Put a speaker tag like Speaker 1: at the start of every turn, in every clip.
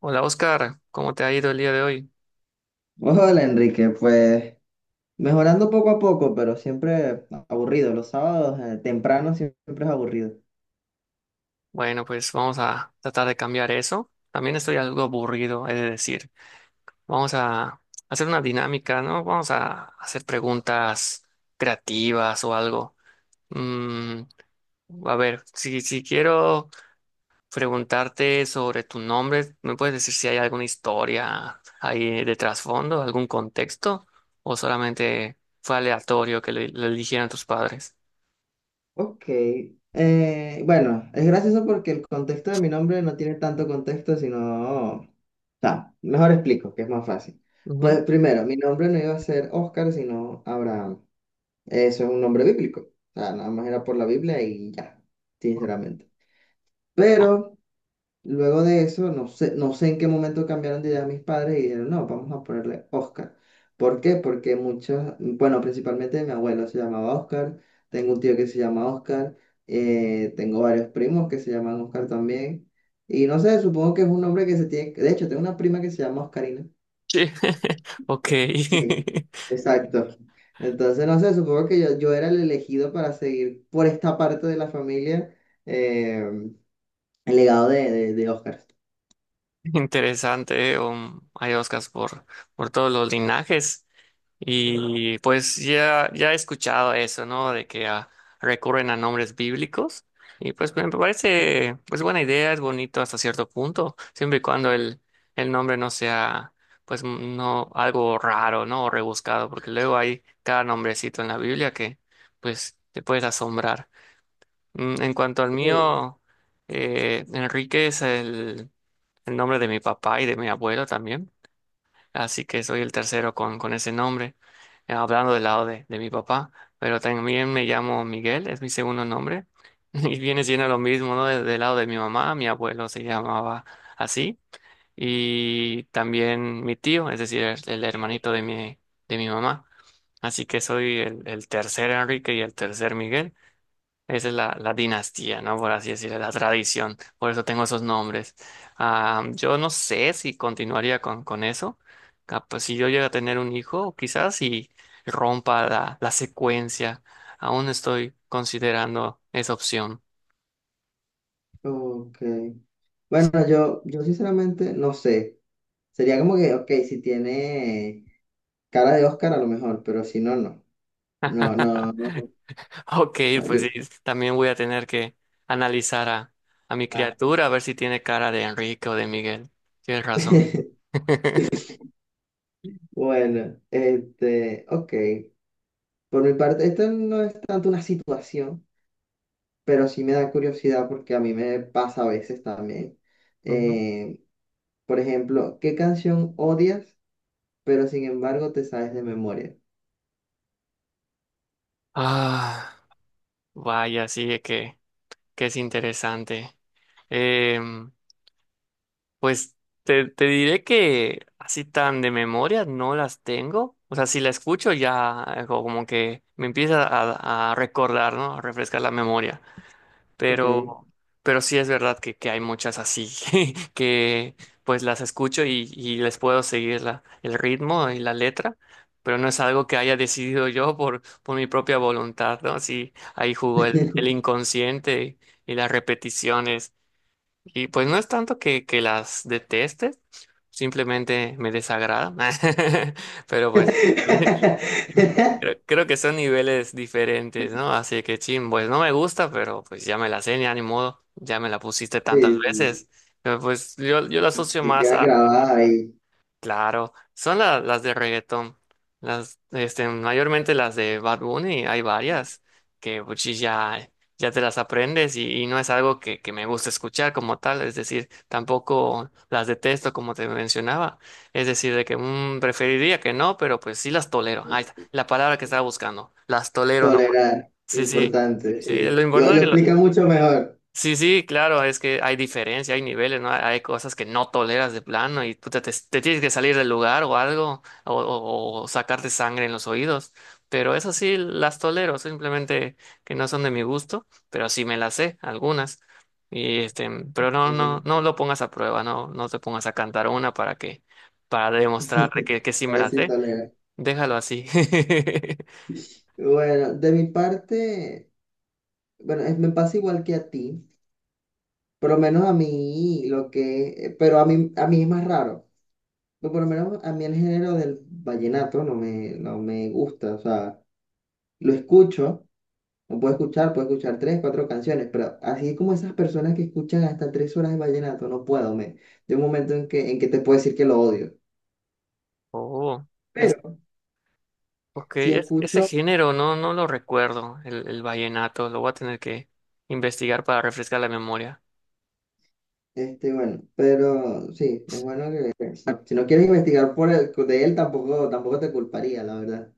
Speaker 1: Hola Oscar, ¿cómo te ha ido el día de hoy?
Speaker 2: Hola Enrique, pues mejorando poco a poco, pero siempre aburrido. Los sábados temprano siempre es aburrido.
Speaker 1: Bueno, pues vamos a tratar de cambiar eso. También estoy algo aburrido, he de decir. Vamos a hacer una dinámica, ¿no? Vamos a hacer preguntas creativas o algo. Mm, a ver, si quiero preguntarte sobre tu nombre, ¿me puedes decir si hay alguna historia ahí de trasfondo, algún contexto? ¿O solamente fue aleatorio que lo eligieran tus padres?
Speaker 2: Ok, bueno, es gracioso porque el contexto de mi nombre no tiene tanto contexto, sino... O sea, mejor explico, que es más fácil.
Speaker 1: Ujú.
Speaker 2: Pues primero, mi nombre no iba a ser Oscar, sino Abraham. Eso es un nombre bíblico. O sea, nada más era por la Biblia y ya, sinceramente.
Speaker 1: Ok.
Speaker 2: Pero... Luego de eso, no sé, no sé en qué momento cambiaron de idea mis padres y dijeron, no, vamos a ponerle Oscar. ¿Por qué? Porque muchos, bueno, principalmente mi abuelo se llamaba Oscar, tengo un tío que se llama Oscar, tengo varios primos que se llaman Oscar también. Y no sé, supongo que es un nombre que se tiene, de hecho, tengo una prima que se llama Oscarina.
Speaker 1: Sí, ok,
Speaker 2: Sí, exacto. Entonces, no sé, supongo que yo era el elegido para seguir por esta parte de la familia, eh, el legado de Oscar.
Speaker 1: interesante. Um, hay Oscars por todos los linajes. Y pues ya he escuchado eso, ¿no? De que recurren a nombres bíblicos. Y pues me parece, pues buena idea, es bonito hasta cierto punto, siempre y cuando el nombre no sea, pues no, algo raro, ¿no? O rebuscado, porque luego hay cada nombrecito en la Biblia que, pues, te puedes asombrar. Mm, en cuanto al mío, Enrique es el nombre de mi papá y de mi abuelo también, así que soy el tercero con ese nombre, hablando del lado de mi papá, pero también me llamo Miguel, es mi segundo nombre, y viene siendo lo mismo, ¿no? Del lado de mi mamá, mi abuelo se llamaba así, y también mi tío, es decir, el hermanito de mi mamá, así que soy el tercer Enrique y el tercer Miguel. Esa es la dinastía, ¿no? Por así decirlo, la tradición. Por eso tengo esos nombres. Ah, yo no sé si continuaría con eso. Capaz, si yo llego a tener un hijo, quizás si rompa la secuencia. Aún estoy considerando esa opción.
Speaker 2: Ok. Bueno, yo sinceramente no sé. Sería como que, ok, si tiene cara de Oscar a lo mejor, pero si no, no. No, no, no. No,
Speaker 1: Ok,
Speaker 2: No,
Speaker 1: pues sí,
Speaker 2: yo-
Speaker 1: también voy a tener que analizar a mi
Speaker 2: Ah.
Speaker 1: criatura, a ver si tiene cara de Enrique o de Miguel. Tienes razón.
Speaker 2: Bueno, este, ok. Por mi parte, esto no es tanto una situación, pero sí me da curiosidad porque a mí me pasa a veces también.
Speaker 1: Ujú.
Speaker 2: Eh, por ejemplo, ¿qué canción odias, pero sin embargo te sabes de memoria?
Speaker 1: Ah, vaya, sí, que es interesante. Em, pues te diré que así tan de memoria no las tengo. O sea, si la escucho ya como que me empieza a recordar, ¿no? A refrescar la memoria.
Speaker 2: Ok.
Speaker 1: Pero, pero sí es verdad que hay muchas así que pues las escucho y les puedo seguir el ritmo y la letra. Pero no es algo que haya decidido yo por mi propia voluntad, ¿no? Sí, ahí jugó el inconsciente y las repeticiones. Y pues no es tanto que las deteste, simplemente me desagrada. Pero pues creo que son niveles diferentes, ¿no? Así que chin, pues no me gusta, pero pues ya me la sé, ya ni modo, ya me la pusiste
Speaker 2: Sí,
Speaker 1: tantas
Speaker 2: sí,
Speaker 1: veces. Pero, pues yo la asocio
Speaker 2: se
Speaker 1: más
Speaker 2: queda
Speaker 1: a,
Speaker 2: grabada ahí.
Speaker 1: claro, son las de reggaetón. Las, este, mayormente las de Bad Bunny, hay varias que pues, sí, ya, ya te las aprendes y no es algo que me gusta escuchar como tal, es decir, tampoco las detesto como te mencionaba, es decir, de que mm, preferiría que no, pero pues sí las tolero. Ahí está, la palabra que estaba buscando, las tolero, ¿no?
Speaker 2: Tolerar,
Speaker 1: Sí, sí,
Speaker 2: importante.
Speaker 1: sí, lo
Speaker 2: Sí. Lo
Speaker 1: importante.
Speaker 2: explica mucho mejor.
Speaker 1: Sí, sí, claro, es que hay diferencia, hay niveles, ¿no? Hay cosas que no toleras de plano y tú te tienes que salir del lugar o algo, o sacarte sangre en los oídos. Pero eso sí, las tolero, simplemente que no son de mi gusto, pero sí me las sé, algunas. Y este, pero no, no,
Speaker 2: Sí,
Speaker 1: no lo pongas a prueba, no, no te pongas a cantar una para demostrar que sí
Speaker 2: a
Speaker 1: me
Speaker 2: ver
Speaker 1: las
Speaker 2: si
Speaker 1: sé.
Speaker 2: tolera.
Speaker 1: Déjalo así.
Speaker 2: Bueno, de mi parte, bueno, me pasa igual que a ti. Por lo menos a mí, lo que, pero a mí es más raro. Pero por lo menos a mí el género del vallenato no me gusta. O sea, lo escucho. No puedo escuchar, puedo escuchar tres, cuatro canciones, pero así como esas personas que escuchan hasta tres horas de vallenato, no puedo, me. De un momento en que te puedo decir que lo odio.
Speaker 1: Oh,
Speaker 2: Pero
Speaker 1: ok,
Speaker 2: si
Speaker 1: ese
Speaker 2: escucho,
Speaker 1: género no, no lo recuerdo, el vallenato, lo voy a tener que investigar para refrescar la memoria.
Speaker 2: este, bueno, pero sí, es bueno que, si no quieres investigar por de él, tampoco, tampoco te culparía, la verdad.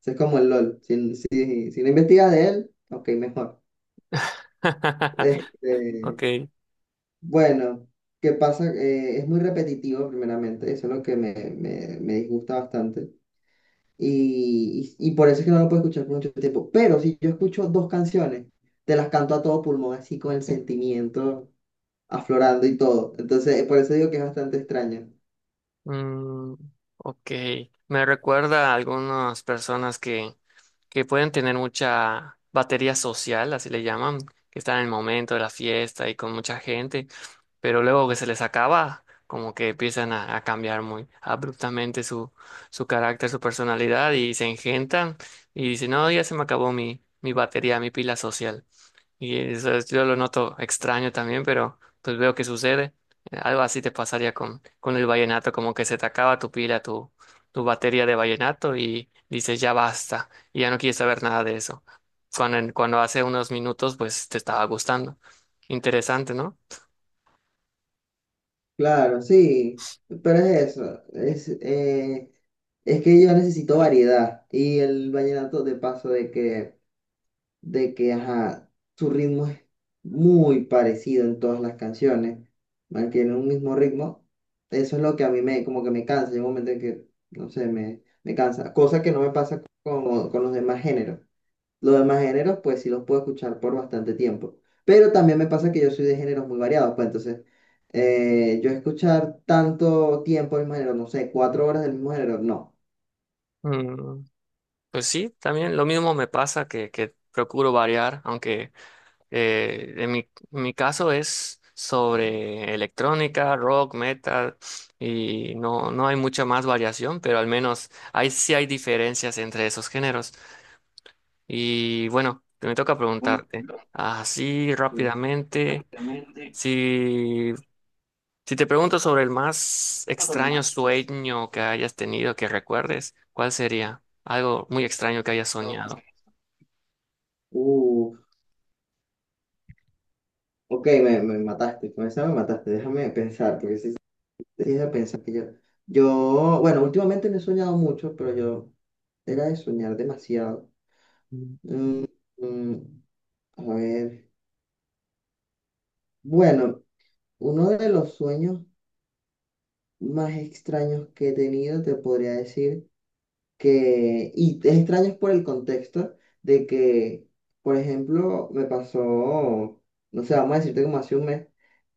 Speaker 2: Eso es como el LOL. Si, si no investigas de él, ok, mejor. Este,
Speaker 1: Ok,
Speaker 2: bueno, ¿qué pasa? Es muy repetitivo, primeramente, eso es lo que me disgusta bastante. Y por eso es que no lo puedo escuchar por mucho tiempo. Pero si yo escucho dos canciones, te las canto a todo pulmón, así con el sentimiento aflorando y todo. Entonces, por eso digo que es bastante extraño.
Speaker 1: mm, ok, me recuerda a algunas personas que pueden tener mucha batería social, así le llaman, que están en el momento de la fiesta y con mucha gente, pero luego que se les acaba, como que empiezan a cambiar muy abruptamente su carácter, su personalidad y se engentan y dicen, no, ya se me acabó mi batería, mi pila social. Y yo lo noto extraño también, pero pues veo que sucede. Algo así te pasaría con el vallenato, como que se te acaba tu pila, tu batería de vallenato y dices ya basta, y ya no quieres saber nada de eso. Cuando hace unos minutos pues te estaba gustando. Interesante, ¿no?
Speaker 2: Claro, sí, pero es eso. Es que yo necesito variedad. Y el vallenato, de paso, ajá, su ritmo es muy parecido en todas las canciones, mantiene un mismo ritmo. Eso es lo que a mí me, como que me cansa, llega un momento en que, no sé, me cansa, cosa que no me pasa con los demás géneros. Los demás géneros, pues sí los puedo escuchar por bastante tiempo, pero también me pasa que yo soy de géneros muy variados, pues entonces, yo escuchar tanto tiempo el mismo género, no sé, cuatro horas del mismo género, no.
Speaker 1: Mm, pues sí, también lo mismo me pasa que procuro variar, aunque Eh, en mi, en mi caso es sobre electrónica, rock, metal, y no, no hay mucha más variación, pero al menos hay, sí hay diferencias entre esos géneros. Y bueno, me toca preguntarte, así
Speaker 2: Sí.
Speaker 1: rápidamente, si, si te pregunto sobre el más extraño sueño que hayas tenido, que recuerdes, ¿cuál sería? Algo muy extraño que hayas soñado.
Speaker 2: Uh, ok, me mataste, con esa me mataste, déjame pensar, porque sí déjame pensar que yo, bueno, últimamente no he soñado mucho, pero yo era de soñar demasiado.
Speaker 1: Mm.
Speaker 2: Mm, mm, a ver, bueno, uno de los sueños más extraños que he tenido, te podría decir que, y es extraño por el contexto de que, por ejemplo, me pasó, no sé, vamos a decirte como hace un mes,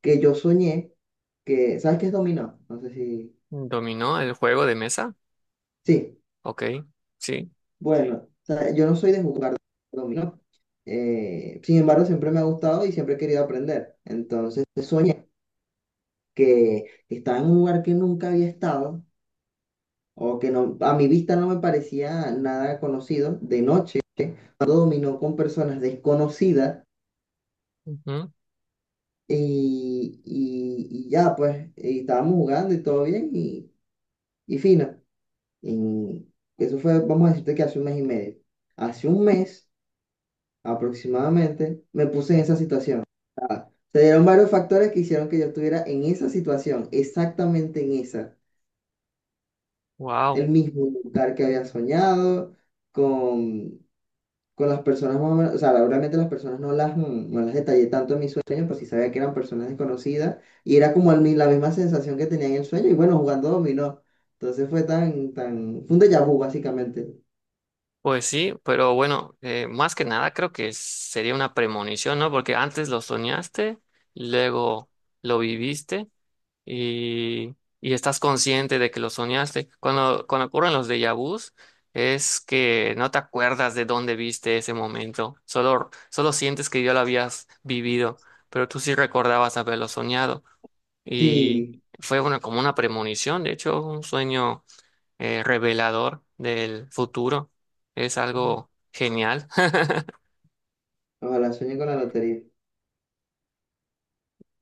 Speaker 2: que yo soñé que, ¿sabes qué es dominó? No sé si,
Speaker 1: ¿Dominó el juego de mesa?
Speaker 2: sí,
Speaker 1: Ok, sí.
Speaker 2: bueno, o sea, yo no soy de jugar dominó. Sin embargo, siempre me ha gustado y siempre he querido aprender. Entonces, soñé que estaba en un lugar que nunca había estado o que no, a mi vista no me parecía nada conocido de noche, jugando dominó con personas desconocidas
Speaker 1: Ujú.
Speaker 2: y ya, pues, y estábamos jugando y todo bien y fino. Y eso fue, vamos a decirte que hace un mes y medio. Hace un mes aproximadamente, me puse en esa situación. Ah, se dieron varios factores que hicieron que yo estuviera en esa situación, exactamente en esa,
Speaker 1: Wow,
Speaker 2: el mismo lugar que había soñado, con, con las personas más o menos, o sea, realmente las personas no las, mm, no las detallé tanto en mis sueños, pues sí sabía que eran personas desconocidas, y era como la misma sensación que tenía en el sueño, y bueno, jugando dominó. Entonces fue fue un déjà vu básicamente.
Speaker 1: pues sí, pero bueno, más que nada creo que sería una premonición, ¿no? Porque antes lo soñaste, luego lo viviste y estás consciente de que lo soñaste. Cuando, cuando ocurren los déjà vus, es que no te acuerdas de dónde viste ese momento, solo, solo sientes que ya lo habías vivido, pero tú sí recordabas haberlo soñado y
Speaker 2: Sí,
Speaker 1: fue una, como una premonición, de hecho, un sueño revelador del futuro. Es algo genial.
Speaker 2: ojalá sueñe con la lotería.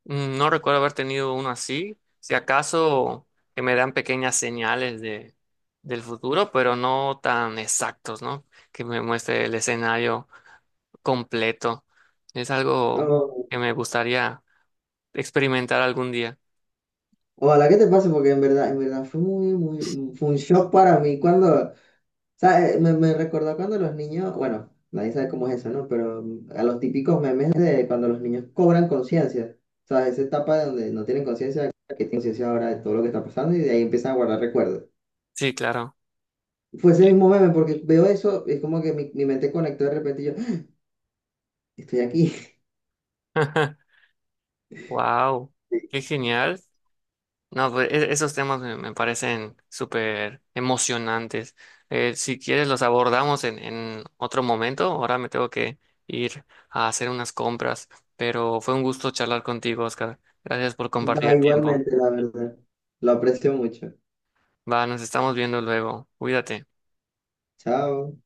Speaker 1: No recuerdo haber tenido uno así. Si acaso que me dan pequeñas señales del futuro, pero no tan exactos, ¿no? Que me muestre el escenario completo. Es algo
Speaker 2: No.
Speaker 1: que me gustaría experimentar algún día.
Speaker 2: Ojalá que te pase, porque en verdad fue muy, fue un shock para mí cuando, o sea, me recordó cuando los niños, bueno, nadie sabe cómo es eso, ¿no? Pero mm, a los típicos memes de cuando los niños cobran conciencia, ¿sabes? Esa etapa donde no tienen conciencia, que tienen conciencia ahora de todo lo que está pasando y de ahí empiezan a guardar recuerdos.
Speaker 1: Sí, claro.
Speaker 2: Fue ese mismo meme, porque veo eso, es como que mi mente conectó de repente y yo, "Ah, estoy aquí.
Speaker 1: Wow, qué genial. No, pues esos temas me parecen súper emocionantes. Si quieres, los abordamos en otro momento. Ahora me tengo que ir a hacer unas compras, pero fue un gusto charlar contigo, Oscar. Gracias por compartir
Speaker 2: Va
Speaker 1: el tiempo.
Speaker 2: igualmente, la verdad. Lo aprecio mucho.
Speaker 1: Va, nos estamos viendo luego. Cuídate.
Speaker 2: Chao.